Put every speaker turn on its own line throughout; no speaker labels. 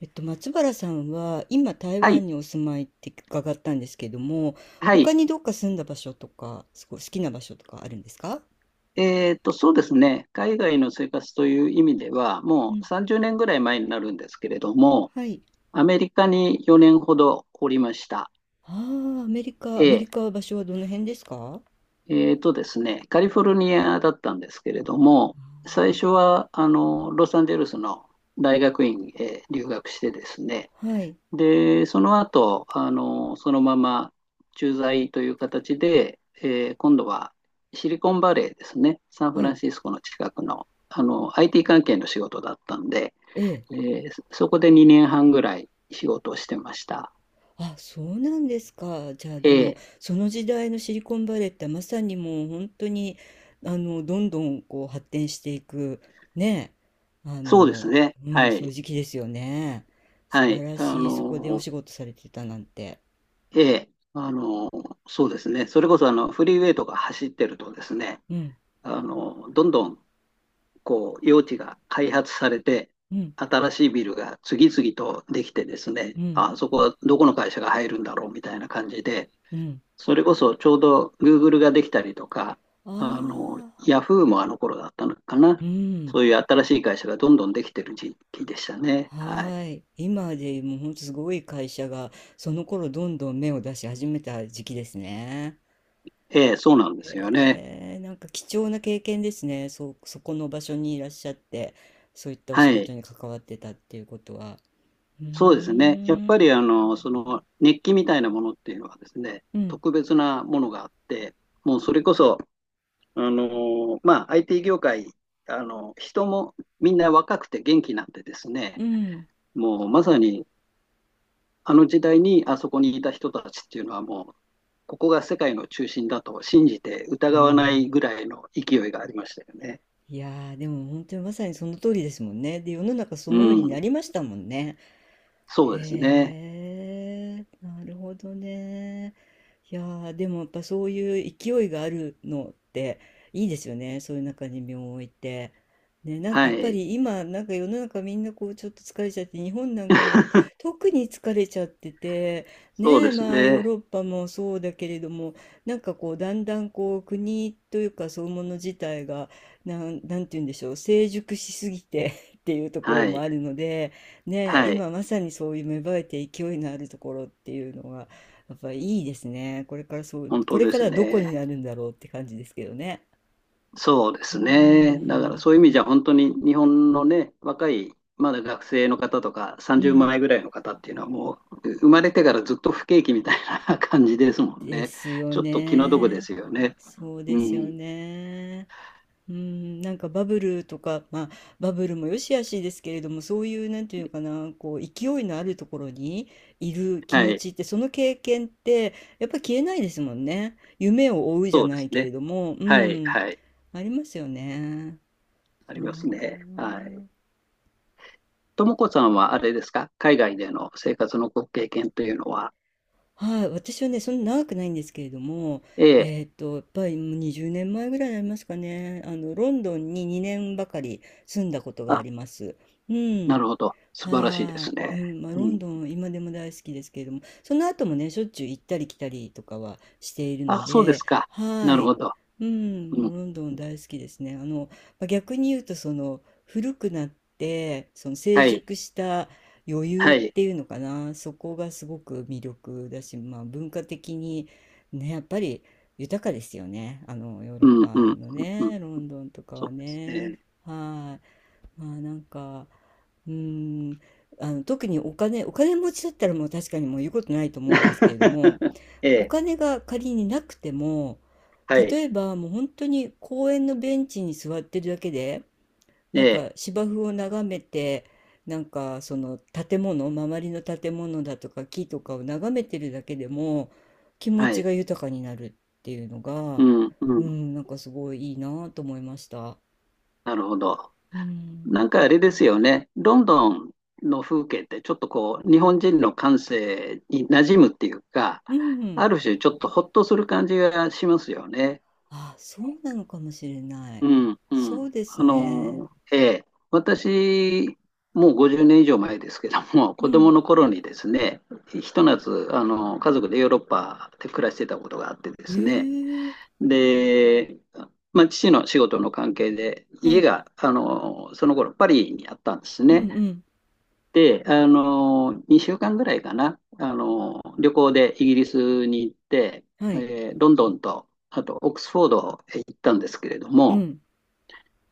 松原さんは今台
は
湾
い、
にお住まいって伺ったんですけども、
は
他
い。
にどっか住んだ場所とか、すごい好きな場所とかあるんですか？
そうですね。海外の生活という意味では、
う
もう
ん、
30年ぐらい前になるんですけれども、
はい。
アメリカに4年ほどおりました。
ああ、アメリカ、アメ
え
リカは場所はどの辺ですか？
っとですね、カリフォルニアだったんですけれども、最初は、ロサンゼルスの大学院へ留学してですね、
はい。
で、その後、そのまま駐在という形で、今度はシリコンバレーですね、サンフ
は
ラン
い。
シスコの近くの、IT 関係の仕事だったんで、
ええ。
えそこで2年半ぐらい仕事をしてました。
あ、そうなんですか。じゃあ
え
でも、
え、
その時代のシリコンバレーってまさにもう本当に、どんどんこう発展していく、ね、あ
そうです
の、
ね。
う
は
ん、そうい
い。
う時期ですよね。素
は
晴
い。
らしい、そこでお仕事されてたなんて。
ええ、あの、そうですね。それこそ、フリーウェイとか走ってるとですね、
うん、
どんどんこう、用地が開発されて、
うん、
新しいビルが次々とできてです
う
ね、
ん、
あそこはどこの会社が入るんだろうみたいな感じで、
うん。
それこそちょうど Google ができたりとか、
あ
あの、
あ、
Yahoo もあの頃だったのかな。
うん。
そういう新しい会社がどんどんできてる時期でしたね。は
は
い。
ーい。今でもう本当すごい会社が、その頃どんどん芽を出し始めた時期ですね。
ええ、そうなんですよね。
へえ、なんか貴重な経験ですね。そう、そこの場所にいらっしゃって、そういったお
は
仕事
い。
に関わってたっていうことは。うー
そうですね。やっぱ
ん、
りその熱気みたいなものっていうのはですね、
うん、
特別なものがあって、もうそれこそIT 業界、人もみんな若くて元気なんでですね、
うん、
もうまさにあの時代にあそこにいた人たちっていうのはもう、ここが世界の中心だと信じて
う
疑わない
ん。
ぐらいの勢いがありましたよね。
いやー、でも本当にまさにその通りですもんね。で、世の中そ
う
のようにな
ん、
りましたもんね。
そうですね。
へえ、なるほどね。いやー、でもやっぱそういう勢いがあるのっていいですよね。そういう中に身を置いて。ね、なんか
は
やっぱ
い。
り今、なんか世の中みんなこうちょっと疲れちゃって、日本なんかも 特に疲れちゃってて、
そう
ね、
です
まあヨー
ね。
ロッパもそうだけれども、なんかこうだんだんこう国というかそういうもの自体が、なんて言うんでしょう、成熟しすぎて っていうとこ
は
ろも
い。
あるので、ねえ、
はい。
今まさにそういう芽生えて勢いのあるところっていうのがやっぱりいいですね。これからそう、
本
こ
当
れ
で
か
す
らどこに
ね。
なるんだろうって感じですけどね。
そうで
うー
すね。だから
ん、
そういう意味じゃ本当に日本のね、若い、まだ学生の方とか
う
30
ん、
前ぐらいの方っていうのはもう生まれてからずっと不景気みたいな 感じですもん
で
ね。
すよ
ちょっと気の毒で
ね。
すよね。
そうで
う
すよ
ん。
ね。うん、なんかバブルとか、まあ、バブルも良し悪しですけれども、そういう、なんていうのかな、こう、勢いのあるところにいる気
は
持
い。
ちって、その経験って、やっぱ消えないですもんね。夢を追うじゃ
そうで
な
す
いけれ
ね。
ども、う
はい。
ん、
はい。
ありますよね。
あり
は
ますね。はい。
あ。
ともこさんはあれですか、海外での生活のご経験というのは。
はい、私はね、そんな長くないんですけれども、
ええ。
やっぱりもう20年前ぐらいになりますかね。あの、ロンドンに2年ばかり住んだことがあ
あ、
ります。う
な
ん。
るほど。素晴らしいで
は
す
い。う
ね。
ん。まあ、ロ
う
ン
ん。
ドン、今でも大好きですけれども、その後もね、しょっちゅう行ったり来たりとかはしているの
あ、そうで
で、
すか。
は
なる
い。
ほど。
うん。
うん。
もうロンドン大好きですね。まあ逆に言うと、その、古くなって、その成
はい。
熟した余裕
は
っ
い。
ていうのかな、そこがすごく魅力だし、まあ、文化的にね、やっぱり豊かですよね、あのヨーロ
う
ッ
んうんう
パ
ん
の
うん。
ね、ロンドンとか
そう
は
です
ね。
ね。
はい、まあなんか、うーん、あの特にお金持ちだったらもう確かにもう言うことないと思うんですけれども、
え
お
え、
金が仮になくても、
はい。
例えばもう本当に公園のベンチに座ってるだけで、
え
なん
え、
か芝生を眺めて、なんかその建物、周りの建物だとか木とかを眺めてるだけでも気持
は
ち
い。
が豊かになるっていうのが、
うんう
う
ん。
ん、なんかすごいいいなと思いました。
なるほど。
うん、
なんかあれですよね。ロンドンの風景ってちょっとこう、日本人の感性に馴染むっていうか、
うん、
ある種ちょっとほっとする感じがしますよね。
あ、そうなのかもしれない。
うん、う
そ
ん。
うですね。
私、もう50年以上前ですけども、
う
子
ん。
供の頃にですね、ひと夏、家族でヨーロッパで暮らしてたことがあってで
へ
すね、
え、
で、まあ、父の仕事の関係で、
は
家
い。
が、その頃パリにあったんです
うんう
ね。
ん。
で、2週間ぐらいかな、旅行でイギリスに行って、
はい。
ロンドンと、あとオックスフォードへ行ったんですけれど
う
も、
ん。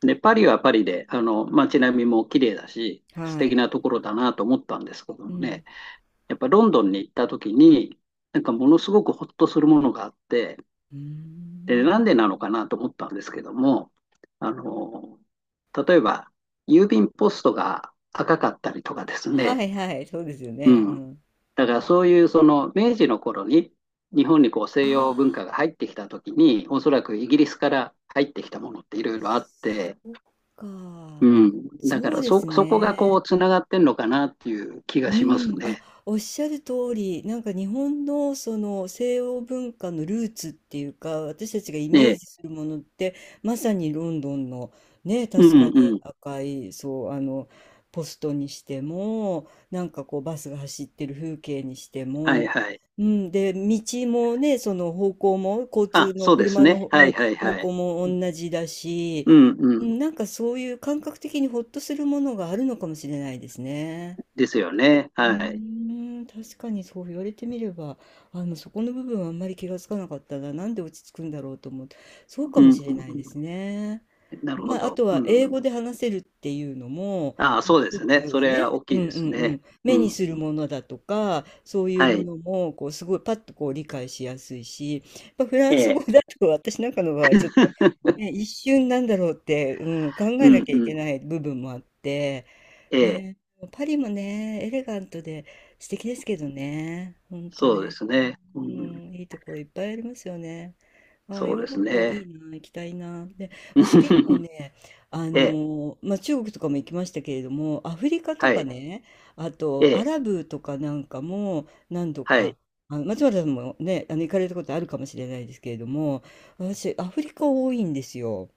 で、パリはパリで、街並みも綺麗だし、素
は
敵
い。
なところだなと思ったんですけど
う
も
ん。
ね、やっぱロンドンに行った時に、なんかものすごくほっとするものがあって、
うー
で、なんでなの
ん。
かなと思ったんですけども、あの、例えば、郵便ポストが赤かったりとかです
は
ね、
いはい。そうですよ
う
ね。う
ん。
ん。
だからそういうその明治の頃に日本にこう西洋文
あ、
化が入ってきた時におそらくイギリスから入ってきたものっていろいろあって、
そっか。
うん。だか
そう
ら、
です
そこがこ
ね。
う、つながってんのかなっていう気
う
がします
ん、あ、
ね。
おっしゃる通り、なんか日本のその西欧文化のルーツっていうか、私たちがイ
え
メージす
え。
るものって、まさにロンドンのね、
う
確か
ん
に
うん。
赤い、そう、ポストにしても、なんかこうバスが走ってる風景にして
はい
も、
はい。
うん、で、道もね、その方向も、交通
あ、
の
そうです
車
ね。
の、
は
う
い
ん、
はい
方
は
向
い。
も同じだし、
うんう
うん、
ん。
なんかそういう感覚的にほっとするものがあるのかもしれないですね。
ですよね。
う
はい。
ーん、確かにそう言われてみれば、そこの部分はあんまり気がつかなかったな。なんで落ち着くんだろうと思って、そうか
う
も
ん
し
う
れないで
ん
すね。
うん。なるほ
まあ、あ
ど。
と
う
は英
ん。
語で話せるっていうのも、
ああ、そうで
一
す
つ
ね。そ
は
れは
ね、
大
う
き
ん
いで
う
す
んう
ね。
ん、
う
目に
ん。
するものだとか、そういう
は
も
い。
のも、こう、すごいパッとこう理解しやすいし、やっぱフラ
え
ンス語
え。
だと私なんかの場合、ちょっと、ね、一瞬なんだろうって、うん、考
う
え
ん
なきゃい
う
け
ん。
ない部分もあって、
ええ。
ね、パリもね、エレガントで素敵ですけどね、ほんと
そうで
ね、
すね。う
う
ん。
ん、いいところいっぱいありますよね。ああ、
そう
ヨ
で
ーロッ
す
パ
ね。
いいな、行きたいな。で、私結構 ね、
ええ。
まあ、中国とかも行きましたけれども、アフリカと
は
か
い。
ね、あ
え
とア
え。
ラブとかなんかも何度
は
か、
い。
松原さんもね、行かれたことあるかもしれないですけれども、私、アフリカ多いんですよ。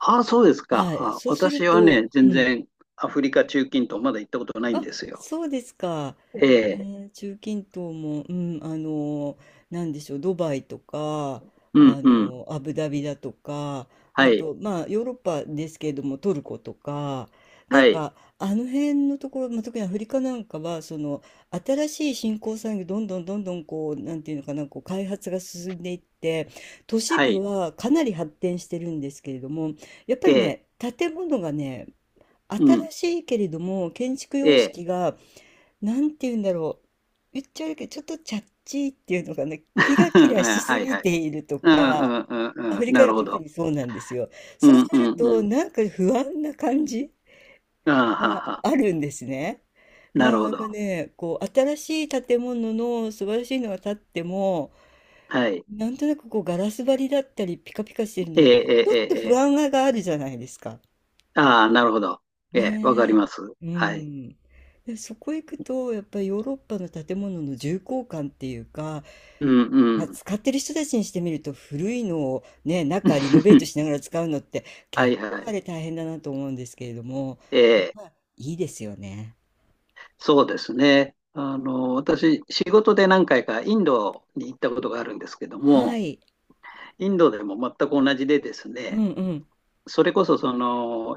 ああ、そうですか。
はい。
あ、
そうする
私は
と、
ね、全
うん。
然アフリカ、中近東、まだ行ったことないん
あ、
ですよ。
そうですか。
ええ、
ね、中近東も、うん、なんでしょう、ドバイとか、
うん、うん。
アブダビだとか、
は
あ
い、
と、まあ、ヨーロッパですけれども、トルコとか、なん
はい、
か、あの辺のところ、まあ、特にアフリカなんかは、その、新しい新興産業、どんどんどんどん、こう、なんていうのかな、こう、開発が進んでいって、都市
は
部
い、
はかなり発展してるんですけれども、やっぱ
え
り
え、
ね、建物がね、
う
新
ん、
しいけれども、建築
え
様
え、
式が、なんて言うんだろう。言っちゃうけど、ちょっとチャッチーっていうのかな。キラ キラ
う
し
ん、
す
はい、
ぎ
はい。
ていると
うん、う
か、
ん、う
ア
ん、う
フ
ん、
リカ
な
が
るほ
特
ど。
にそうなんですよ。
う
そう
ん、
す
う
る
ん、
と、
うん。
なんか不安な感じ
ああ、は
が
は、
あるんですね。
なる
な
ほ
んか
ど。
ね、こう、新しい建物の素晴らしいのが建っても、
はい。
なんとなくこう、ガラス張りだったり、ピカピカしてるの
え
っ
え、
て、
え
ち
え、
ょ
え
っと
え、
不
ええ、
安があるじゃないですか。
ああ、なるほど。ええ、わかり
ね
ます。
え、う
はい。
ん。で、そこ行くと、やっぱりヨーロッパの建物の重厚感っていうか、
うん、う
まあ、
ん。
使ってる人たちにしてみると、古いのをね、中リノベートしな がら使うのって、
はい、
結構
は
あ
い。
れ大変だなと思うんですけれども、
え
やっ
え。
ぱりいいですよね。
そうですね。私、仕事で何回かインドに行ったことがあるんですけど
は
も、
い。
インドでも全く同じでです
う
ね、
んうん。
それこそその、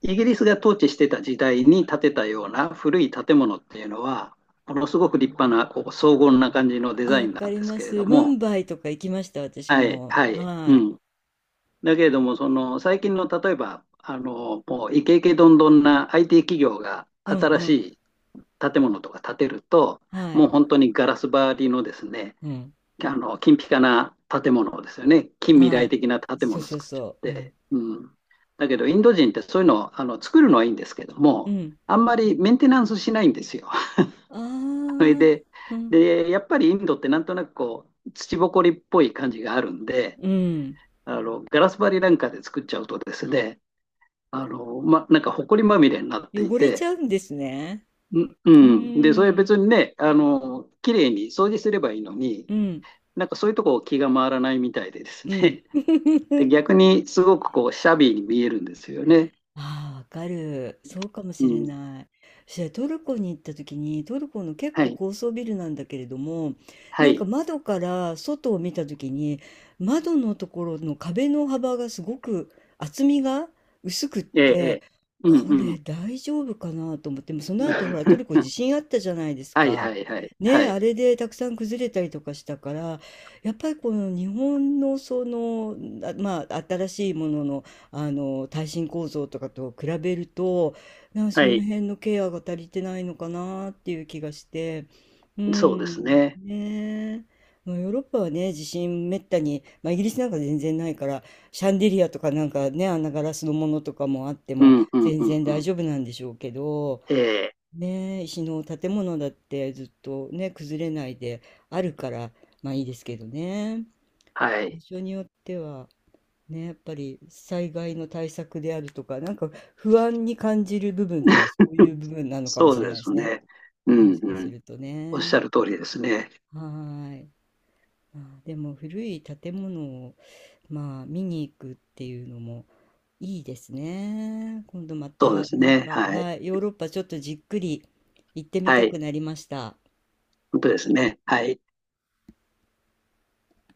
イギリスが統治してた時代に建てたような古い建物っていうのは、ものすごく立派な、こう、荘厳な感じのデ
あ、
ザイ
わ
ン
か
なん
り
です
ま
けれ
す。
ど
ム
も、
ンバイとか行きました、私
はい、
も。
はい、
は
う
い。
ん。だけれども、その、最近の例えば、もうイケイケどんどんな IT 企業が
うんう
新
ん。
し建物とか建てると、
は
も
い。
う本当にガラス張りのですね、
うん。
金ピカな建物ですよね、近未
は
来
い。
的な建
そう
物を
そう
作っちゃっ
そう。うん。
て、うん、だけど、インド人ってそういうのを作るのはいいんですけど
う
も、
ん。
あんまりメンテナンスしないんですよ。
あ
それ
あ。
で、
うん。
で、やっぱりインドってなんとなくこう土ぼこりっぽい感じがあるんで、
うん。
ガラス張りなんかで作っちゃうとですね、なんか埃まみれになってい
汚れち
て、
ゃうんですね。
う
う
うん。で、それ
ーん。
別にね、綺麗に掃除すればいいのに、
うん。
なんかそういうとこ気が回らないみたいでです
うん。
ね。で、逆にすごくこう、シャビーに見えるんですよね。
ああ、わかる。そうかも
う
しれ
ん。
ない。そしてトルコに行った時に、トルコの結
は
構
い。
高層ビルなんだけれども、
は
なんか
い。
窓から外を見た時に、窓のところの壁の幅がすごく厚みが薄くっ
ええ、え
て、
え。う
こ
んう
れ
ん。
大丈夫かなと思って、もうその後ほらトル コ地震あったじゃないです
はい
か。
はいはい。
ね
は
え、あ
い。
れでたくさん崩れたりとかしたから、やっぱりこの日本のその、あ、まあ新しいものの耐震構造とかと比べると、なんかそ
は
の
い。
辺のケアが足りてないのかなっていう気がして、う
そうです
ん
ね。
ねえ。まあヨーロッパはね、地震めったに、まあ、イギリスなんか全然ないから、シャンデリアとかなんかね、あんなガラスのものとかもあって
う
も
んうん
全
うん
然
う
大
ん。
丈夫なんでしょうけど、
ええ、
ねえ、石の建物だってずっとね崩れないであるから、まあいいですけどね、
は
場
い。
所によっては。ね、やっぱり災害の対策であるとか、なんか不安に感じる部分っていうのはそういう 部分なのかも
そ
し
う
れな
で
いで
す
すね。
ね。う
も
ん
しか
う
す
ん。
ると
おっし
ね。
ゃる通りですね。
はーい。まあ、でも古い建物を、まあ、見に行くっていうのもいいですね。今度ま
そうで
た、
す
なん
ね。
か、
はい。
はい、ヨーロッパちょっとじっくり行ってみ
は
たく
い。
なりました。
本当ですね。はい。